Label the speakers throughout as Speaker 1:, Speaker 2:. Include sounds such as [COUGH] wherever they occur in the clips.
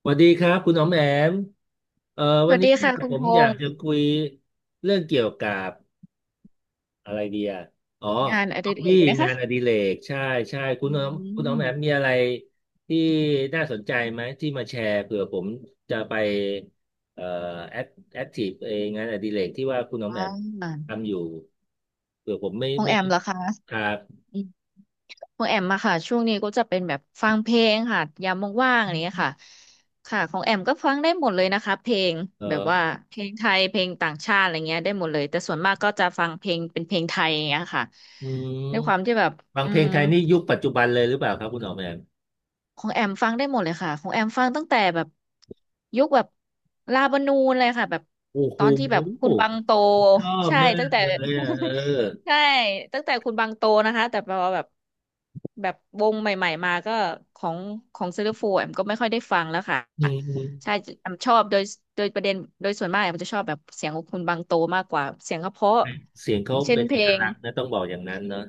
Speaker 1: สวัสดีครับคุณอ๋อมแอมเอ่อ
Speaker 2: ส
Speaker 1: วัน
Speaker 2: วัส
Speaker 1: นี้
Speaker 2: ดี
Speaker 1: เนี่
Speaker 2: ค่ะ
Speaker 1: ย
Speaker 2: คุ
Speaker 1: ผ
Speaker 2: ณพ
Speaker 1: มอยา
Speaker 2: ง
Speaker 1: ก
Speaker 2: ษ์
Speaker 1: จะคุยเรื่องเกี่ยวกับอะไรดีอ่ะอ๋อ
Speaker 2: งานอ
Speaker 1: ฮอ
Speaker 2: ดิ
Speaker 1: บ
Speaker 2: เร
Speaker 1: บี้
Speaker 2: กไหม
Speaker 1: งา
Speaker 2: คะ
Speaker 1: นอดิเรกใช่ใช่คุ
Speaker 2: อื
Speaker 1: ณอ๋อมคุณอ๋อมแอมมี
Speaker 2: ม
Speaker 1: อะไรที่น่าสนใจไหมที่มาแชร์เผื่อผมจะไปเอ่อแอคแอคทีฟเองงานอดิเรกที่ว่าคุณอ๋อม
Speaker 2: อ่
Speaker 1: แอม
Speaker 2: า
Speaker 1: ทำอยู่เผื่อผมไม่
Speaker 2: พง
Speaker 1: ไม่
Speaker 2: แอมเหรอคะ
Speaker 1: ครับ
Speaker 2: อืมของแอมมาค่ะช่วงนี้ก็จะเป็นแบบฟังเพลงค่ะยามว่างๆอะไรอย่างเงี้ยค่ะค่ะของแอมก็ฟังได้หมดเลยนะคะเพลง
Speaker 1: เอ
Speaker 2: แบบว่า
Speaker 1: อ
Speaker 2: เพลงไทยเพลงต่างชาติอะไรเงี้ยได้หมดเลยแต่ส่วนมากก็จะฟังเพลงเป็นเพลงไทยอย่างเงี้ยค่ะ
Speaker 1: อืม
Speaker 2: ด้วยความที่แบบ
Speaker 1: ฟัง
Speaker 2: อื
Speaker 1: เพล
Speaker 2: ม
Speaker 1: งไทยนี่ยุคปัจจุบันเลยหรือเปล่าครับคุณอ๋อมแอม
Speaker 2: ของแอมฟังได้หมดเลยค่ะของแอมฟังตั้งแต่แบบยุคแบบลาบานูนเลยค่ะแบบ
Speaker 1: โอ้
Speaker 2: ต
Speaker 1: โห
Speaker 2: อนที่แบบคุณบังโต
Speaker 1: ชอบ
Speaker 2: ใช่
Speaker 1: มา
Speaker 2: ตั้ง
Speaker 1: ก
Speaker 2: แต่
Speaker 1: เลยอ่ะเออ
Speaker 2: [LAUGHS] ใช่ตั้งแต่คุณบังโตนะคะแต่พอแบบแบบวงใหม่ๆมาก็ของของซิลฟูแอมก็ไม่ค่อยได้ฟังแล้วค่ะ
Speaker 1: อืมอื
Speaker 2: ใช่
Speaker 1: ม
Speaker 2: แอมชอบโดยโดยประเด็นโดยส่วนมากแอมจะชอบแบบเสียงของคุณบังโตมากกว่าเสียงเขาเพราะ
Speaker 1: เสียง
Speaker 2: อ
Speaker 1: เขา
Speaker 2: ย่างเช่น
Speaker 1: เป็น
Speaker 2: เพ
Speaker 1: เอ
Speaker 2: ล
Speaker 1: ก
Speaker 2: ง
Speaker 1: ลักษณ์นะต้องบอกอย่างนั้นเนอะ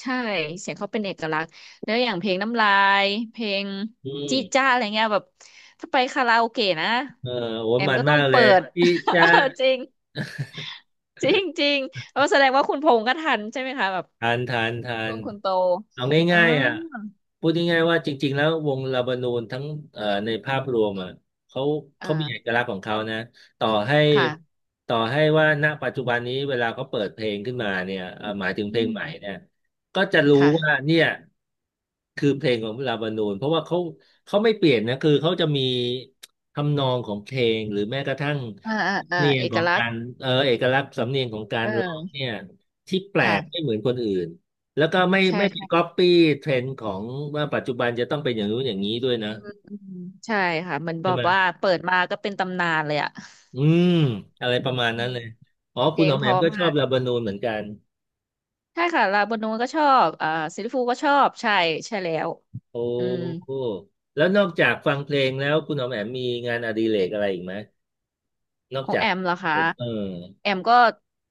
Speaker 2: ใช่เสียงเขาเป็นเอกลักษณ์แล้วอย่างเพลงน้ำลายเพลง
Speaker 1: อื
Speaker 2: จิจ้า
Speaker 1: ม
Speaker 2: อะไรเงี้ยแบบถ้าไปคาราโอเกะนะ
Speaker 1: เออโอ้
Speaker 2: แอม
Speaker 1: มัน
Speaker 2: ก็ต้อ
Speaker 1: มา
Speaker 2: ง
Speaker 1: กเล
Speaker 2: เปิ
Speaker 1: ย
Speaker 2: ด
Speaker 1: พี่
Speaker 2: [LAUGHS]
Speaker 1: จะ
Speaker 2: เออจริงจริงจริงแล้วแสดงว่าคุณพงษ์ก็ทันใช่ไหมคะแบบ
Speaker 1: ทานทานทา
Speaker 2: ช่ว
Speaker 1: น
Speaker 2: งคุณโต
Speaker 1: เอา
Speaker 2: อ๋อ
Speaker 1: ง่ายๆอ่ะพูดง่ายๆว่าจริงๆแล้ววงลาบานูนทั้งในภาพรวมอ่ะเขา
Speaker 2: อ่า
Speaker 1: เขามีเอกลักษณ์ของเขานะต่อให้
Speaker 2: ค่ะ
Speaker 1: ต่อให้ว่าณปัจจุบันนี้เวลาเขาเปิดเพลงขึ้นมาเนี่ยหมายถึง
Speaker 2: อื
Speaker 1: เพลงให
Speaker 2: ม
Speaker 1: ม่เนี่ยก็จะรู้ว่า
Speaker 2: ค่ะ
Speaker 1: เนี่ยคือเพลงของลาบานูนเพราะว่าเขาไม่เปลี่ยนนะคือเขาจะมีทำนองของเพลงหรือแม้กระทั่ง
Speaker 2: อ่าอ่า
Speaker 1: สำ
Speaker 2: อ่า
Speaker 1: เนียง
Speaker 2: เอ
Speaker 1: ข
Speaker 2: ก
Speaker 1: อง
Speaker 2: ลัก
Speaker 1: กา
Speaker 2: ษณ์
Speaker 1: รเอกลักษณ์สำเนียงของการ
Speaker 2: เอ
Speaker 1: ร้องเนี่
Speaker 2: อ
Speaker 1: ย ที่แปลกไม่
Speaker 2: ค่ะ
Speaker 1: เหมือนคนอื่นแล้วก็ไม่
Speaker 2: ใช่
Speaker 1: ไม่ไปก๊อ
Speaker 2: ใช่
Speaker 1: ปปี้เทรนด์ของว่าปัจจุบันจะต้องเป็นอย่างนู้นอย่างนี้ด้วยนะ
Speaker 2: อืมใช่ค่ะเหมือนบ
Speaker 1: ใช่
Speaker 2: อก
Speaker 1: ไหม
Speaker 2: ว่าเปิดมาก็เป็นตำนานเลยอะ
Speaker 1: อืมอะไรประมาณ
Speaker 2: อื
Speaker 1: นั้น
Speaker 2: ม
Speaker 1: เลยอ๋อ
Speaker 2: เพ
Speaker 1: คุ
Speaker 2: ล
Speaker 1: ณห
Speaker 2: ง
Speaker 1: อม
Speaker 2: เพ
Speaker 1: แอม
Speaker 2: ราะ
Speaker 1: ก็ช
Speaker 2: มา
Speaker 1: อบ
Speaker 2: ก
Speaker 1: ลาบานูนเหมือนกัน
Speaker 2: ใช่ค่ะลาบานูนก็ชอบอ่าซิลลิฟูก็ชอบใช่ใช่แล้ว
Speaker 1: โอ้
Speaker 2: อืม
Speaker 1: โหแล้วนอกจากฟังเพลงแล้วคุณหอมแอมมีงานอดิเรกอะไรอีกไหมนอ
Speaker 2: ข
Speaker 1: ก
Speaker 2: อง
Speaker 1: จา
Speaker 2: แอ
Speaker 1: ก
Speaker 2: มเหรอคะ
Speaker 1: เอ่อ
Speaker 2: แอมก็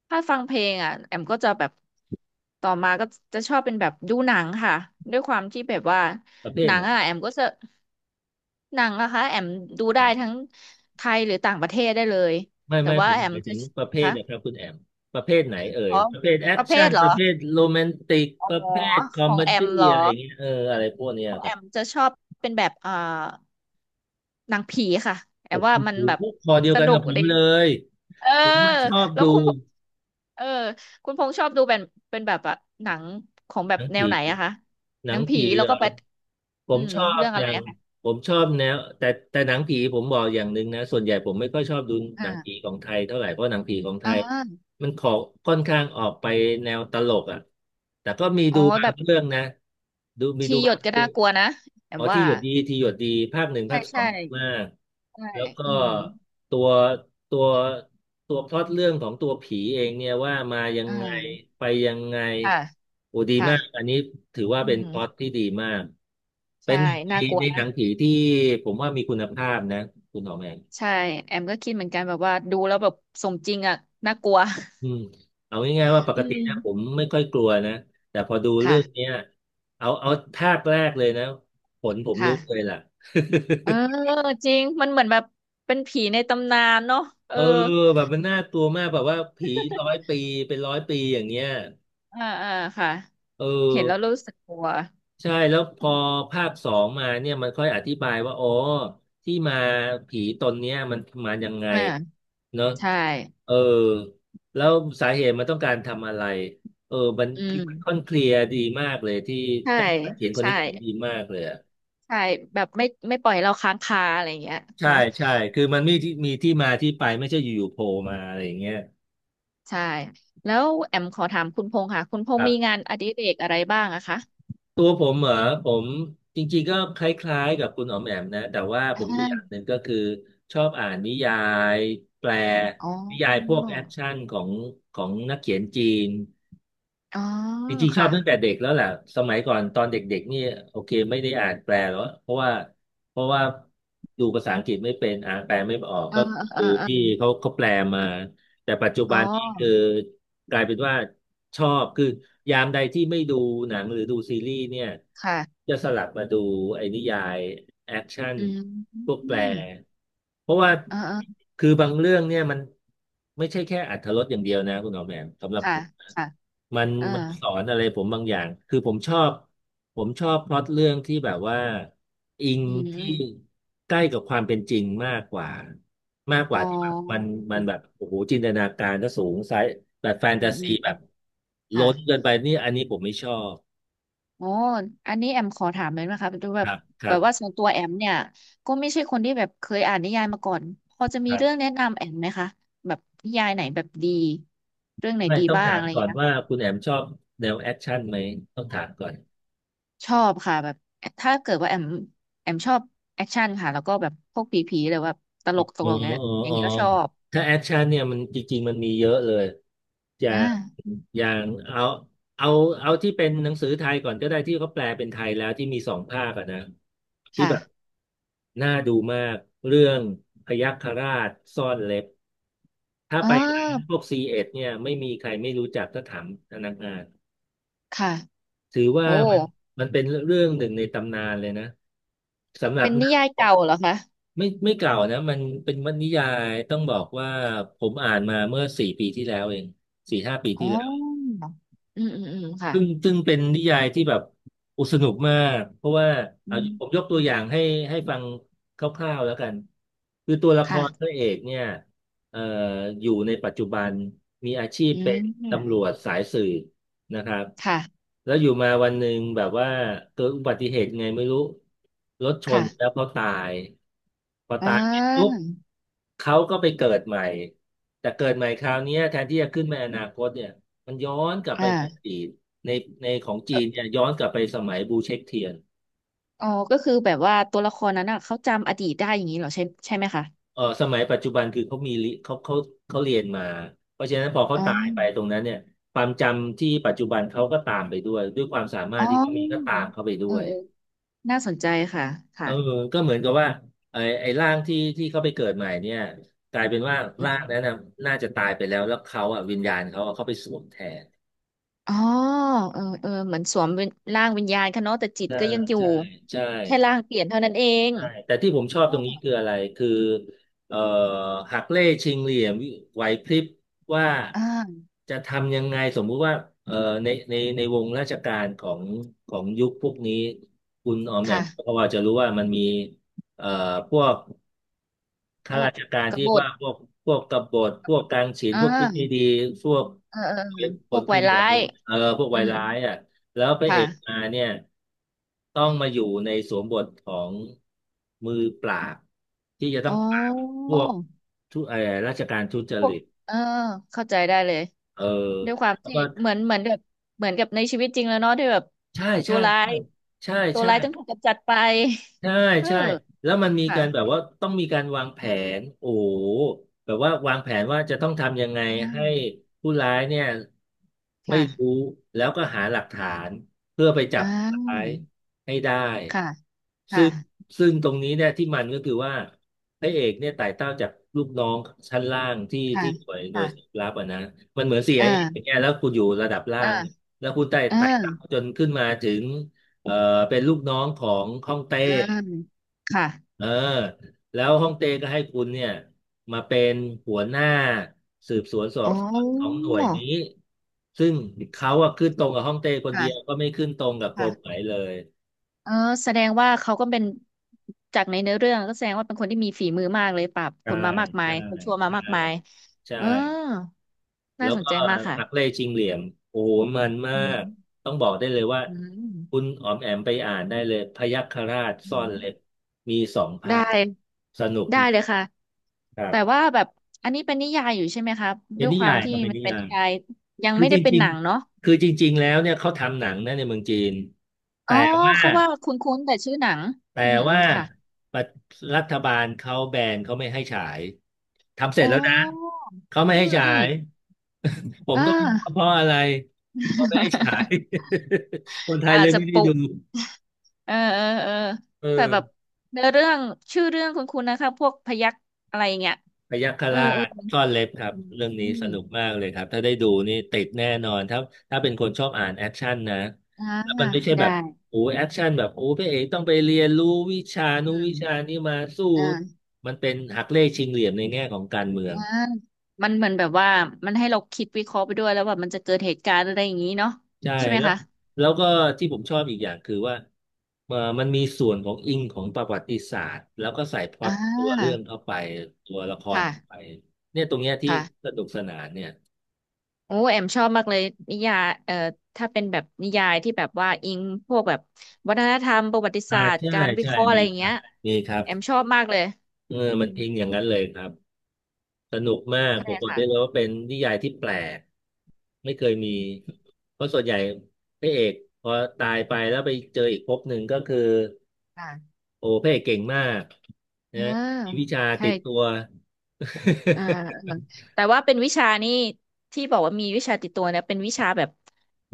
Speaker 2: ถ้าฟังเพลงอ่ะแอมก็จะแบบต่อมาก็จะชอบเป็นแบบดูหนังค่ะด้วยความที่แบบว่า
Speaker 1: ประเภ
Speaker 2: ห
Speaker 1: ท
Speaker 2: นั
Speaker 1: ไห
Speaker 2: ง
Speaker 1: น
Speaker 2: อ่ะแอมก็จะหนังนะคะแอมดู
Speaker 1: ค
Speaker 2: ได้
Speaker 1: รับ
Speaker 2: ทั้งไทยหรือต่างประเทศได้เลย
Speaker 1: ไม่
Speaker 2: แต่
Speaker 1: ไม่
Speaker 2: ว่า
Speaker 1: ผม
Speaker 2: แอ
Speaker 1: ห
Speaker 2: ม
Speaker 1: มายถึ
Speaker 2: จะ
Speaker 1: งประเภท
Speaker 2: คะ
Speaker 1: นะครับคุณแอมประเภทไหนเอ่ย
Speaker 2: อ๋อ
Speaker 1: ประเภทแอ
Speaker 2: ป
Speaker 1: ค
Speaker 2: ระเภ
Speaker 1: ชั่
Speaker 2: ท
Speaker 1: น
Speaker 2: เหร
Speaker 1: ป
Speaker 2: อ
Speaker 1: ระเภทโรแมนติก
Speaker 2: อ๋อ
Speaker 1: ประเภทคอ
Speaker 2: ข
Speaker 1: ม
Speaker 2: อ
Speaker 1: เม
Speaker 2: งแอม
Speaker 1: ดี้
Speaker 2: เหรอ
Speaker 1: อะไรอย่างเงี้ยอะไรพวกเนี้
Speaker 2: ข
Speaker 1: ย
Speaker 2: อง
Speaker 1: ค
Speaker 2: แอ
Speaker 1: รับ
Speaker 2: มจะชอบเป็นแบบหนังผีค่ะแอ
Speaker 1: โอ้
Speaker 2: มว่ามัน
Speaker 1: โห
Speaker 2: แบบ
Speaker 1: คอเดียว
Speaker 2: ส
Speaker 1: กัน
Speaker 2: นุ
Speaker 1: กั
Speaker 2: ก
Speaker 1: บผม
Speaker 2: ดี
Speaker 1: เลย
Speaker 2: เออ
Speaker 1: ผมชอบ
Speaker 2: แล้ว
Speaker 1: ดู
Speaker 2: คุณเออคุณพงษ์ชอบดูเป็นเป็นแบบอะหนังของแบ
Speaker 1: ห
Speaker 2: บ
Speaker 1: นัง
Speaker 2: แนว
Speaker 1: ผี
Speaker 2: ไหนอะคะ
Speaker 1: ห
Speaker 2: ห
Speaker 1: นั
Speaker 2: นั
Speaker 1: ง
Speaker 2: งผี
Speaker 1: ผี
Speaker 2: แล้ว
Speaker 1: เหร
Speaker 2: ก็
Speaker 1: อ
Speaker 2: ไป
Speaker 1: ผ
Speaker 2: อื
Speaker 1: ม
Speaker 2: ม
Speaker 1: ชอบ
Speaker 2: เรื่อง
Speaker 1: อ
Speaker 2: อะไร
Speaker 1: ย่าง
Speaker 2: อะคะ
Speaker 1: ผมชอบแนวแต่หนังผีผมบอกอย่างหนึ่งนะส่วนใหญ่ผมไม่ค่อยชอบดูหนังผี
Speaker 2: อ่า
Speaker 1: ของไทยเท่าไหร่เพราะหนังผีของไท
Speaker 2: อ่
Speaker 1: ย
Speaker 2: า
Speaker 1: มันขอค่อนข้างออกไปแนวตลกอ่ะแต่ก็มี
Speaker 2: อ๋
Speaker 1: ดู
Speaker 2: อ
Speaker 1: บา
Speaker 2: แบ
Speaker 1: ง
Speaker 2: บ
Speaker 1: เรื่องนะมี
Speaker 2: ชี
Speaker 1: ดู
Speaker 2: หย
Speaker 1: บา
Speaker 2: ด
Speaker 1: ง
Speaker 2: ก็
Speaker 1: เรื่อ
Speaker 2: น่า
Speaker 1: ง
Speaker 2: กลัวนะแอ
Speaker 1: อ๋
Speaker 2: ม
Speaker 1: อที่
Speaker 2: ว่า
Speaker 1: หยดดีที่หยดดีภาคหนึ่งภา
Speaker 2: ใช่
Speaker 1: คสอ
Speaker 2: ใช่
Speaker 1: งมาก
Speaker 2: ใช่
Speaker 1: แล้วก็
Speaker 2: อืม
Speaker 1: ตัวตัวตัวพล็อตเรื่องของตัวผีเองเนี่ยว่ามายัง
Speaker 2: อ่า
Speaker 1: ไงไปยังไง
Speaker 2: ค่ะ
Speaker 1: โอ้ดีมากอัน
Speaker 2: ค่ะ
Speaker 1: นี้ถือว่า
Speaker 2: อื
Speaker 1: เป็นพล็อต
Speaker 2: ม
Speaker 1: ที่ดีมากเป็
Speaker 2: ใช่
Speaker 1: นหนึ่งใน
Speaker 2: น่ากลัว
Speaker 1: ในห
Speaker 2: นะ
Speaker 1: นังผีที่ผมว่ามีคุณภาพนะคุณหอมแอม
Speaker 2: ใช่แอมก็คิดเหมือนกันแบบว่าดูแล้วแบบสมจริงอะน่ากลัว
Speaker 1: อืมเอาง่ายๆว่าป
Speaker 2: [LAUGHS] อื
Speaker 1: กติ
Speaker 2: ม
Speaker 1: นะผมไม่ค่อยกลัวนะแต่พอดูเรื่อง
Speaker 2: ค่ะ
Speaker 1: เนี้ยเอาภาคแรกเลยนะขนผมลุ
Speaker 2: ค่ะ
Speaker 1: กเลยล่ะ
Speaker 2: เออจริงมันเหมือนแบบเป็นผีในตำนานเนาะเอ
Speaker 1: [LAUGHS] เอ
Speaker 2: อ
Speaker 1: อแบบมันน่ากลัวมากแบบว่าผีร้อยปีเป็นร้อยปีอย่างเงี้ย
Speaker 2: อ่าค่ะ
Speaker 1: เอ
Speaker 2: เห็นแล้ว
Speaker 1: อ
Speaker 2: รู้สึกกลัว
Speaker 1: ใช่แล้วพ
Speaker 2: อ
Speaker 1: อ
Speaker 2: ม
Speaker 1: ภาคสองมาเนี่ยมันค่อยอธิบายว่าอ๋อที่มาผีตนเนี้ยมันมายังไง
Speaker 2: อ่า
Speaker 1: เนอะ
Speaker 2: ใช่
Speaker 1: เออแล้วสาเหตุมันต้องการทำอะไรมัน
Speaker 2: อื
Speaker 1: ค่อน
Speaker 2: ม
Speaker 1: เคลียร์ดีมากเลยที่
Speaker 2: ใช่
Speaker 1: นักเขียนคน
Speaker 2: ใช่
Speaker 1: นี้เขียนดีมากเลยอะ
Speaker 2: ใช่แบบไม่ปล่อยให้เราค้างคาอะไรอย่างเงี้ย
Speaker 1: ใช่
Speaker 2: เนาะ
Speaker 1: ใช่คือมัน
Speaker 2: อืม
Speaker 1: มีที่มาที่ไปไม่ใช่อยู่ๆโผล่มาอะไรอย่างเงี้ย
Speaker 2: ใช่แล้วแอมขอถามคุณพงษ์ค่ะคุณพ
Speaker 1: ค
Speaker 2: งษ์
Speaker 1: รั
Speaker 2: มี
Speaker 1: บ
Speaker 2: งานอดิเรกอะไรบ้างอะคะ
Speaker 1: ตัวผมเหรอผมจริงๆก็คล้ายๆกับคุณอ๋อมแอมนะแต่ว่าผ
Speaker 2: อ่
Speaker 1: มอีกอย่างห
Speaker 2: า
Speaker 1: นึ่งก็คือชอบอ่านนิยายแปล
Speaker 2: อ๋อ
Speaker 1: นิยายพวกแอคชั่นของนักเขียนจีน
Speaker 2: อ๋อ
Speaker 1: จริงๆชอ
Speaker 2: ค่ะ
Speaker 1: บตั้งแต่เด็กแล้วแหละสมัยก่อนตอนเด็กๆนี่โอเคไม่ได้อ่านแปลหรอกเพราะว่าดูภาษาอังกฤษไม่เป็นอ่านแปลไม่ออก
Speaker 2: เออ
Speaker 1: ก็
Speaker 2: เออเอ
Speaker 1: ดู
Speaker 2: อเออ
Speaker 1: ที่เขาแปลมาแต่ปัจจุ
Speaker 2: อ๋
Speaker 1: บันนี่คือ
Speaker 2: อ
Speaker 1: กลายเป็นว่าชอบคือยามใดที่ไม่ดูหนังหรือดูซีรีส์เนี่ย
Speaker 2: ค่ะ
Speaker 1: จะสลับมาดูไอ้นิยายแอคชั่น
Speaker 2: อืม
Speaker 1: พวก
Speaker 2: อื
Speaker 1: แปล
Speaker 2: ม
Speaker 1: เพราะว่า
Speaker 2: เออเออ
Speaker 1: คือบางเรื่องเนี่ยมันไม่ใช่แค่อรรถรสอย่างเดียวนะคุณหมอแหม่มสำหรับผ
Speaker 2: ค่ะ
Speaker 1: ม
Speaker 2: ค่ะ
Speaker 1: มัน
Speaker 2: เออ
Speaker 1: มันสอนอะไรผมบางอย่างคือผมชอบพล็อตเรื่องที่แบบว่าอิง
Speaker 2: อืม
Speaker 1: ที่ใกล้กับความเป็นจริงมากกว่ามากก
Speaker 2: อ๋อ
Speaker 1: ว่าที่แบบมัน
Speaker 2: อื
Speaker 1: มัน
Speaker 2: ม
Speaker 1: แบบโอ้โหจินตนาการก็สูงไซส์แบบแฟน
Speaker 2: อื
Speaker 1: ตา
Speaker 2: มอื
Speaker 1: ซี
Speaker 2: ม
Speaker 1: แบ
Speaker 2: อื
Speaker 1: บ
Speaker 2: มค่ะ
Speaker 1: ล้นเกินไปนี่อันนี้ผมไม่ชอบ
Speaker 2: โอ้อันนี้แอมขอถามเลยนะคะดูแบ
Speaker 1: ค
Speaker 2: บ
Speaker 1: รับค
Speaker 2: แบ
Speaker 1: รั
Speaker 2: บว่า
Speaker 1: บ
Speaker 2: ส่วนตัวแอมเนี่ย ก็ไม่ใช่คนที่แบบเคยอ่านนิยายมาก่อนพอจะ
Speaker 1: ค
Speaker 2: มี
Speaker 1: รั
Speaker 2: เรื่อง
Speaker 1: บ
Speaker 2: แนะนำแอมไหมคะแบบนิยายไหนแบบดีเรื่องไหน
Speaker 1: ไม่
Speaker 2: ดี
Speaker 1: ต้อง
Speaker 2: บ้าง
Speaker 1: ถาม
Speaker 2: อะไรอย่า
Speaker 1: ก่
Speaker 2: ง
Speaker 1: อน
Speaker 2: เงี้ย
Speaker 1: ว่า
Speaker 2: ค่ะ
Speaker 1: คุณแอมชอบแนวแอคชั่นไหมต้องถามก่อน
Speaker 2: ชอบค่ะแบบถ้าเกิดว่าแอมแอมชอบแอคชั่นค่ะแล้วก็แบบพวกผีๆหรือว่าต
Speaker 1: อ๋
Speaker 2: ล
Speaker 1: อ
Speaker 2: กต
Speaker 1: อ๋อ
Speaker 2: ลกเนี่ยอย่าง
Speaker 1: อ๋อ
Speaker 2: เงี้ยก็ชอบ
Speaker 1: ถ้าแอคชั่นเนี่ยมันจริงๆมันมีเยอะเลยจะ
Speaker 2: อ่า
Speaker 1: อย่างเอาเอาที่เป็นหนังสือไทยก่อนก็ได้ที่เขาแปลเป็นไทยแล้วที่มีสองภาคอะนะที่แบบ
Speaker 2: ค่ะ
Speaker 1: น่าดูมากเรื่องพยัคฆราชซ่อนเล็บถ้า
Speaker 2: อ๋อ
Speaker 1: ไปร้านพวกซีเอ็ดเนี่ยไม่มีใครไม่รู้จักถ้าถามพนักงาน
Speaker 2: ค่ะ
Speaker 1: ถือว่า
Speaker 2: โอ้
Speaker 1: มันเป็นเรื่องหนึ่งในตำนานเลยนะสำหรับ
Speaker 2: เป็นนิยายเก่าเหรอคะ
Speaker 1: ไม่เก่านะมันเป็นวรรณนิยายต้องบอกว่าผมอ่านมาเมื่อสี่ปีที่แล้วเองสี่ห้าปี
Speaker 2: อ๋
Speaker 1: ที่
Speaker 2: อ
Speaker 1: แล้ว
Speaker 2: อืมค่ะ
Speaker 1: ซึ่งเป็นนิยายที่แบบโอุสนุกมากเพราะว่า
Speaker 2: อื
Speaker 1: เอา
Speaker 2: ม
Speaker 1: ผมยกตั
Speaker 2: อื
Speaker 1: ว
Speaker 2: ม
Speaker 1: อย่างให้ให้ฟังคร่าวๆแล้วกันคือตัวละครพระ
Speaker 2: ค่ะ
Speaker 1: เอกเนี่ยเอ่ออยู่ในปัจจุบันมีอาชีพ
Speaker 2: อื
Speaker 1: เป็นตำร
Speaker 2: ม
Speaker 1: วจสายสืบนะครับ
Speaker 2: ค่ะ
Speaker 1: แล้วอยู่มาวันหนึ่งแบบว่าเกิดอุบัติเหตุไงไม่รู้รถชน
Speaker 2: ค่ะ
Speaker 1: แล้วเขาตายพอ
Speaker 2: อ่
Speaker 1: ตายเสร็จปุ๊บ
Speaker 2: า
Speaker 1: เขาก็ไปเกิดใหม่แต่เกิดใหม่คราวเนี้ยแทนที่จะขึ้นไปอนาคตเนี่ยมันย้อนกลับ
Speaker 2: อ่า
Speaker 1: ไปในอดีต ในในของจี
Speaker 2: เอ่อ
Speaker 1: นเนี่ยย้อนกลับไปสมัยบูเช็กเทียน
Speaker 2: อ๋อก็คือแบบว่าตัวละครนั้นอ่ะเขาจำอดีตได้อย่างนี้เหรอใช่ใช่ไหมคะ
Speaker 1: เออสมัยปัจจุบันคือเขามีลิเขาเขาเรียนมาเพราะฉะนั้นพอเขา
Speaker 2: อ๋อ
Speaker 1: ตายไปตรงนั้นเนี่ยความจำที่ปัจจุบันเขาก็ตามไปด้วยด้วยความสามาร
Speaker 2: อ๋อ
Speaker 1: ถที่เขามีก็ตามเขาไปด้
Speaker 2: เออ
Speaker 1: วย
Speaker 2: เออ น่าสนใจค่ะ
Speaker 1: เอ
Speaker 2: ค่ะ
Speaker 1: อก็เหมือนกับว่าไอ้ร่างที่เขาไปเกิดใหม่เนี่ยกลายเป็นว่า
Speaker 2: อื
Speaker 1: ร่างนั้น
Speaker 2: ม
Speaker 1: น่ะน่าจะตายไปแล้วแล้วเขาอ่ะวิญญาณเขาอะเขาไปสวมแทน
Speaker 2: อ๋อเออเออเหมือนสวมเป็นร่างวิญญาณค่ะเนาะแต่จิต
Speaker 1: ใช่
Speaker 2: ก็ยังอยู่
Speaker 1: ใช่ใช่
Speaker 2: แค่ร่างเปลี่ยนเท่านั้นเอง
Speaker 1: ใช่แต่ที่ผมชอบ
Speaker 2: อ
Speaker 1: ตรง
Speaker 2: ม
Speaker 1: นี้คืออะไรคือเอ่อหักเล่ชิงเหลี่ยมไหวพริบว่า
Speaker 2: อ่า
Speaker 1: จะทำยังไงสมมุติว่าเอ่อในวงราชการของของยุคพวกนี้คุณออมแอมก็
Speaker 2: ค่ะ
Speaker 1: พอจะรู้ว่ามันมีเอ่อพวก
Speaker 2: พ
Speaker 1: ข้า
Speaker 2: วก
Speaker 1: ราชการ
Speaker 2: ก
Speaker 1: ที่
Speaker 2: บฏ
Speaker 1: ว่าพวกพวกกบฏพวกกลางศีล
Speaker 2: อ่า
Speaker 1: พวกคิดไม่ดีพวก
Speaker 2: เออพ
Speaker 1: ผ
Speaker 2: ว
Speaker 1: ล
Speaker 2: ก
Speaker 1: ป
Speaker 2: วา
Speaker 1: ระ
Speaker 2: ย
Speaker 1: โย
Speaker 2: ร้า
Speaker 1: ชน์
Speaker 2: ย
Speaker 1: เออพวก
Speaker 2: อื
Speaker 1: วาย
Speaker 2: ม
Speaker 1: ร้ายอ่ะแล้วพระเอก
Speaker 2: ค่ะ
Speaker 1: มาเนี่ยต้องมาอยู่ในสวมบทของมือปราบที่จะต้
Speaker 2: อ๋
Speaker 1: องปราบ
Speaker 2: อ
Speaker 1: พวกทุเออราชการทุจ
Speaker 2: พว
Speaker 1: ริ
Speaker 2: ก
Speaker 1: ต
Speaker 2: เออเข้าใจได้เลย
Speaker 1: เออ
Speaker 2: ด้วยความ
Speaker 1: แล้ว
Speaker 2: ที่
Speaker 1: ก็
Speaker 2: เหมือนเหมือนแบบเหมือนกับในชีวิตจริงแล้วเนาะที่แบบ
Speaker 1: ใช่
Speaker 2: ตั
Speaker 1: ใช่
Speaker 2: วร้า
Speaker 1: ใช่
Speaker 2: ย
Speaker 1: ใช่
Speaker 2: ตัว
Speaker 1: ใช่
Speaker 2: ร้ายต้องถูกกำจัดไป
Speaker 1: ใช่
Speaker 2: [LAUGHS] เออ
Speaker 1: ใช่แล้วมันมี
Speaker 2: ค่ะ
Speaker 1: การแบบว่าต้องมีการวางแผนโอ้โหแบบว่าวางแผนว่าจะต้องทำยังไง
Speaker 2: อื
Speaker 1: ให้
Speaker 2: ม
Speaker 1: ผู้ร้ายเนี่ยไม่
Speaker 2: ค่ะ
Speaker 1: รู้แล้วก็หาหลักฐานเพื่อไปจับ
Speaker 2: อ่า
Speaker 1: ผู้ร้ายให้ได้
Speaker 2: ค่ะ
Speaker 1: ซึ่ง
Speaker 2: ค่ะ
Speaker 1: ซึ่งตรงนี้เนี่ยที่มันก็คือว่าพระเอกเนี่ยไต่เต้าจากลูกน้องชั้นล่างที่
Speaker 2: ค่ะ
Speaker 1: ที่หน่วยสืบ
Speaker 2: ค่ะ
Speaker 1: ลับอ่ะนะมันเหมือนเสี
Speaker 2: เอ
Speaker 1: ไอเออย่าง
Speaker 2: อ
Speaker 1: เงี้ยแล้วคุณอยู่ระดับล่าง
Speaker 2: เออ
Speaker 1: แล้วคุณไต่
Speaker 2: เอ
Speaker 1: ไต่
Speaker 2: อ
Speaker 1: เต้าจนขึ้นมาถึงเอ่อเป็นลูกน้องของฮ่องเต้
Speaker 2: เออค่ะ
Speaker 1: เออแล้วฮ่องเต้ก็ให้คุณเนี่ยมาเป็นหัวหน้าสืบสวนสอ
Speaker 2: อ๋
Speaker 1: บ
Speaker 2: อ
Speaker 1: สวนของหน่วยนี้ซึ่งเขาอะขึ้นตรงกับฮ่องเต้คนเดียวก็
Speaker 2: ค่ะ
Speaker 1: ไม่ขึ้นตรงกับกรมไหน
Speaker 2: ค่ะ
Speaker 1: เลย
Speaker 2: เออแสดงว่าเขาก็เป็นจากในเนื้อเรื่องก็แสดงว่าเป็นคนที่มีฝีมือมากเลยปราบค
Speaker 1: ใช่
Speaker 2: นมามากมาย
Speaker 1: ใช่
Speaker 2: คนชั่วมา
Speaker 1: ใช่
Speaker 2: มากมาย
Speaker 1: ใช่
Speaker 2: เออน่า
Speaker 1: แล้ว
Speaker 2: สน
Speaker 1: ก็
Speaker 2: ใจมากค่ะ
Speaker 1: หักเล่ชิงเหลี่ยมโอ้โหมันมา
Speaker 2: อื
Speaker 1: ก
Speaker 2: ม
Speaker 1: ต้องบอกได้เลยว่า
Speaker 2: อื
Speaker 1: คุณ
Speaker 2: ม
Speaker 1: อ๋อมแอมไปอ่านได้เลยพยัคฆราช
Speaker 2: อื
Speaker 1: ซ่อน
Speaker 2: ม
Speaker 1: เล็บมีสองภา
Speaker 2: ได้
Speaker 1: คสนุก
Speaker 2: ได้เลยค่ะ
Speaker 1: ครับ
Speaker 2: แต่ว่าแบบอันนี้เป็นนิยายอยู่ใช่ไหมครับ
Speaker 1: เป็
Speaker 2: ด้
Speaker 1: น
Speaker 2: วย
Speaker 1: นิ
Speaker 2: ควา
Speaker 1: ยา
Speaker 2: ม
Speaker 1: ย
Speaker 2: ที่
Speaker 1: ก็เป็น
Speaker 2: มัน
Speaker 1: นิ
Speaker 2: เป็น
Speaker 1: ยา
Speaker 2: นิ
Speaker 1: ย
Speaker 2: ยายยัง
Speaker 1: คือ
Speaker 2: ไม่
Speaker 1: จ
Speaker 2: ได้เป็น
Speaker 1: ริ
Speaker 2: ห
Speaker 1: ง
Speaker 2: นังเนาะ
Speaker 1: ๆคือจริงๆแล้วเนี่ยเขาทำหนังนะในเมืองจีน
Speaker 2: อ๋
Speaker 1: แต่
Speaker 2: อ
Speaker 1: ว่า
Speaker 2: เขาว่าคุ้นๆแต่ชื่อหนัง
Speaker 1: แต่
Speaker 2: อืมอื
Speaker 1: ว่า
Speaker 2: มค่ะ
Speaker 1: ประรัฐบาลเขาแบนเขาไม่ให้ฉาย ทำเสร็
Speaker 2: อ๋
Speaker 1: จแล้วนะ
Speaker 2: อ
Speaker 1: เขาไม่
Speaker 2: อื
Speaker 1: ให้
Speaker 2: ม
Speaker 1: ฉา
Speaker 2: อืม
Speaker 1: ย [LAUGHS] ผม
Speaker 2: อ่า
Speaker 1: ก็ไม่รู้ว่าเพราะอะไรเขาไม่ให้ฉาย
Speaker 2: [LAUGHS]
Speaker 1: [LAUGHS] คนไทย
Speaker 2: อา
Speaker 1: เล
Speaker 2: จ
Speaker 1: ย
Speaker 2: จะ
Speaker 1: ไม่
Speaker 2: ป
Speaker 1: ได้
Speaker 2: ลุ
Speaker 1: ดู
Speaker 2: ก [LAUGHS] เออ
Speaker 1: เออ
Speaker 2: แต่แบบเนื้อเรื่องชื่อเรื่องคุณคุณนะคะพวกพยักอะไรอย่างเงี้ย
Speaker 1: พยัคฆ
Speaker 2: เออ
Speaker 1: รา
Speaker 2: เออ
Speaker 1: ชซ่อนเล็บครับ
Speaker 2: อืม
Speaker 1: เรื่อง
Speaker 2: อ
Speaker 1: นี้ส
Speaker 2: ม
Speaker 1: นุกมากเลยครับถ้าได้ดูนี่ติดแน่นอนถ้าเป็นคนชอบอ่านแอคชั่นนะ
Speaker 2: อ่า
Speaker 1: แล้วมันไม่ใช่แบ
Speaker 2: ได้
Speaker 1: บโอ้แอคชั่นแบบโอ้พระเอกต้องไปเรียนรู้วิชานู้
Speaker 2: อื
Speaker 1: นวิ
Speaker 2: ม
Speaker 1: ชานี้มาสู้
Speaker 2: อ่า
Speaker 1: มันเป็นหักเล่ชิงเหลี่ยมในแง่ของการเมือง
Speaker 2: อ่ามันเหมือนแบบว่ามันให้เราคิดวิเคราะห์ไปด้วยแล้วว่ามันจะเกิดเหตุการณ์อะไรอย่างนี้เนาะ
Speaker 1: ใช่
Speaker 2: ใช่ไหม
Speaker 1: แล้ว
Speaker 2: คะ
Speaker 1: แล้วก็ที่ผมชอบอีกอย่างคือว่ามันมีส่วนของอิงของประวัติศาสตร์แล้วก็ใส่พล็อ
Speaker 2: อ่
Speaker 1: ตตัวเรื่อ
Speaker 2: า
Speaker 1: งเข้าไปตัวละคร
Speaker 2: ค่ะ
Speaker 1: เข้าไปเนี่ยตรงเนี้ยที่
Speaker 2: ค่ะ
Speaker 1: สนุกสนานเนี่ย
Speaker 2: โอ้แอมชอบมากเลยนิยายถ้าเป็นแบบนิยายที่แบบว่าอิงพวกแบบวัฒนธรรมประวัติ
Speaker 1: อ่า
Speaker 2: ศาสตร์
Speaker 1: ใช่
Speaker 2: การวิ
Speaker 1: ใช่
Speaker 2: เคราะห์อะ
Speaker 1: มี
Speaker 2: ไรอย่าง
Speaker 1: ครั
Speaker 2: เงี้
Speaker 1: บ
Speaker 2: ย
Speaker 1: มีครับ
Speaker 2: แอมชอบมากเลย
Speaker 1: เออ
Speaker 2: อื
Speaker 1: มัน
Speaker 2: ม
Speaker 1: อิงอย่างนั้นเลยครับสนุกมาก
Speaker 2: ใช่
Speaker 1: ผมบอก
Speaker 2: ค่ะ
Speaker 1: ได้เลยว่าเป็นนิยายที่แปลกไม่เคยมีเพราะส่วนใหญ่พระเอกพอตายไปแล้วไปเจออีกภพหนึ่งก็คือ
Speaker 2: อ่า
Speaker 1: โอ้พระเอกเก่งมาก
Speaker 2: อ่า
Speaker 1: นะมีวิชา
Speaker 2: ใช่
Speaker 1: ติดตัว
Speaker 2: อ่า
Speaker 1: [LAUGHS]
Speaker 2: เออแต่ว่าเป็นวิชานี่ที่บอกว่ามีวิชาติดตัวเนี่ยเป็นวิชาแบบ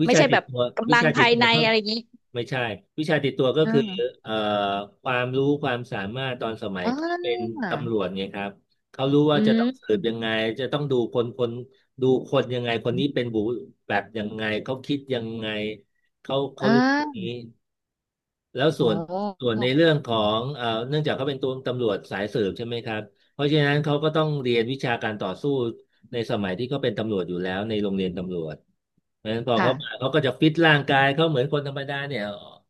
Speaker 1: วิ
Speaker 2: ไม่
Speaker 1: ชา
Speaker 2: ใช่
Speaker 1: ติ
Speaker 2: แบ
Speaker 1: ด
Speaker 2: บ
Speaker 1: ตัว
Speaker 2: กำ
Speaker 1: วิ
Speaker 2: ลัง
Speaker 1: ชาติ
Speaker 2: ภา
Speaker 1: ด
Speaker 2: ย
Speaker 1: ตัว
Speaker 2: ใน
Speaker 1: ก็
Speaker 2: อะไรอย่างงี้
Speaker 1: ไม่ใช่วิชาติดตัวก็
Speaker 2: อื
Speaker 1: คือ
Speaker 2: ม
Speaker 1: เอ่อความรู้ความสามารถตอนสมัย
Speaker 2: อ
Speaker 1: เขาเป็
Speaker 2: ่า
Speaker 1: นตำรวจไงครับเขารู้ว่า
Speaker 2: อื
Speaker 1: จะต้องสื
Speaker 2: ม
Speaker 1: บยังไงจะต้องดูคนคนดูคนยังไงคนนี้เป็นบุแบบยังไงเขาคิดยังไงเขา
Speaker 2: อ่
Speaker 1: รู้ตรงนี้
Speaker 2: า
Speaker 1: แล้ว
Speaker 2: โอ
Speaker 1: ส่วนส่ว
Speaker 2: ้
Speaker 1: นในเรื่องของเนื่องจากเขาเป็นตัวตำรวจสายสืบใช่ไหมครับเพราะฉะนั้นเขาก็ต้องเรียนวิชาการต่อสู้ในสมัยที่เขาเป็นตำรวจอยู่แล้วในโรงเรียนตำรวจ เพราะฉะนั้นพอเขา
Speaker 2: ค่ะ
Speaker 1: มาเขาก็จะฟิตร่างกายเขาเหมือนคนธรรมดาเนี่ย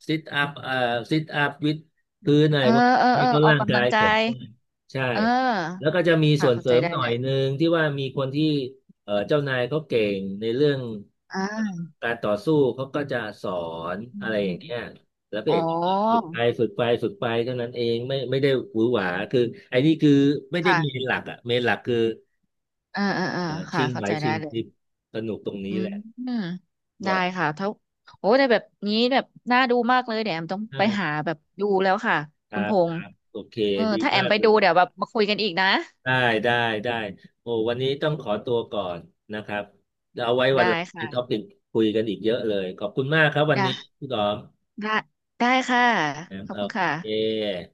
Speaker 1: ซิทอัพซิทอัพวิดพื้นอะไร
Speaker 2: เออ
Speaker 1: พวก
Speaker 2: เอ
Speaker 1: นี้
Speaker 2: อ
Speaker 1: ให้
Speaker 2: เออ
Speaker 1: เขา
Speaker 2: ออก
Speaker 1: ร่าง
Speaker 2: กำ
Speaker 1: กา
Speaker 2: ลั
Speaker 1: ย
Speaker 2: งกา
Speaker 1: แข็ง
Speaker 2: ย
Speaker 1: แรงใช่
Speaker 2: เออ
Speaker 1: แล้วก็จะมีส่
Speaker 2: ค่ะ
Speaker 1: วน
Speaker 2: เข้า
Speaker 1: เส
Speaker 2: ใจ
Speaker 1: ริม
Speaker 2: ได้
Speaker 1: หน่อ
Speaker 2: เล
Speaker 1: ย
Speaker 2: ย
Speaker 1: หนึ่งที่ว่ามีคนที่เจ้านายเขาเก่งในเรื่อง
Speaker 2: อ่า
Speaker 1: การต่อสู้เขาก็จะสอน
Speaker 2: อื
Speaker 1: อะ
Speaker 2: ม
Speaker 1: ไรอ
Speaker 2: อื
Speaker 1: ย่า
Speaker 2: ม
Speaker 1: ง
Speaker 2: อื
Speaker 1: เงี้
Speaker 2: ม
Speaker 1: ย แล้วพระ
Speaker 2: อ๋อ
Speaker 1: เอกสุดไปเท่านั้นเองไม่ได้หวือหวา
Speaker 2: อื
Speaker 1: คื
Speaker 2: ม
Speaker 1: อไอ้นี่คือไม่ได้
Speaker 2: ค่ะ
Speaker 1: เมนหลักอ่ะเมนหลักคือ
Speaker 2: อ่าค่ะ
Speaker 1: ชิง
Speaker 2: เข้า
Speaker 1: ไหว
Speaker 2: ใจ
Speaker 1: ชิ
Speaker 2: ได้
Speaker 1: ง
Speaker 2: เล
Speaker 1: พ
Speaker 2: ย
Speaker 1: ริบสนุกตรงนี้
Speaker 2: อื
Speaker 1: แห
Speaker 2: ม
Speaker 1: ละ
Speaker 2: อืม
Speaker 1: บ
Speaker 2: ได้
Speaker 1: อด
Speaker 2: ค่ะถ้าโอ้แต่แบบนี้แบบน่าดูมากเลยเดี๋ยวแอมต้อง
Speaker 1: ใช่
Speaker 2: ไปหาแบบดูแล้วค่ะ
Speaker 1: ค
Speaker 2: คุ
Speaker 1: รั
Speaker 2: ณพ
Speaker 1: บค
Speaker 2: งษ์
Speaker 1: รับโอเค
Speaker 2: เออ
Speaker 1: ดี
Speaker 2: ถ้าแอ
Speaker 1: มา
Speaker 2: ม
Speaker 1: ก
Speaker 2: ไป
Speaker 1: เล
Speaker 2: ดูเดี๋ยว
Speaker 1: ย
Speaker 2: แบบมาคุยกันอีกนะ
Speaker 1: ได้ได้ได้โอ้วันนี้ต้องขอตัวก่อนนะครับเดี๋ยวเอาไว้วั
Speaker 2: ได้
Speaker 1: นหลังมีท็อปิ
Speaker 2: ค่ะ
Speaker 1: กคุยกันอีกเยอะเลยขอบคุณมากครับวัน
Speaker 2: ได้
Speaker 1: นี้พี่ดอม
Speaker 2: ได้ได้ค่ะ
Speaker 1: นะ
Speaker 2: ขอ
Speaker 1: ค
Speaker 2: บ
Speaker 1: รั
Speaker 2: คุ
Speaker 1: บ
Speaker 2: ณ
Speaker 1: โอเ
Speaker 2: ค่ะ
Speaker 1: ค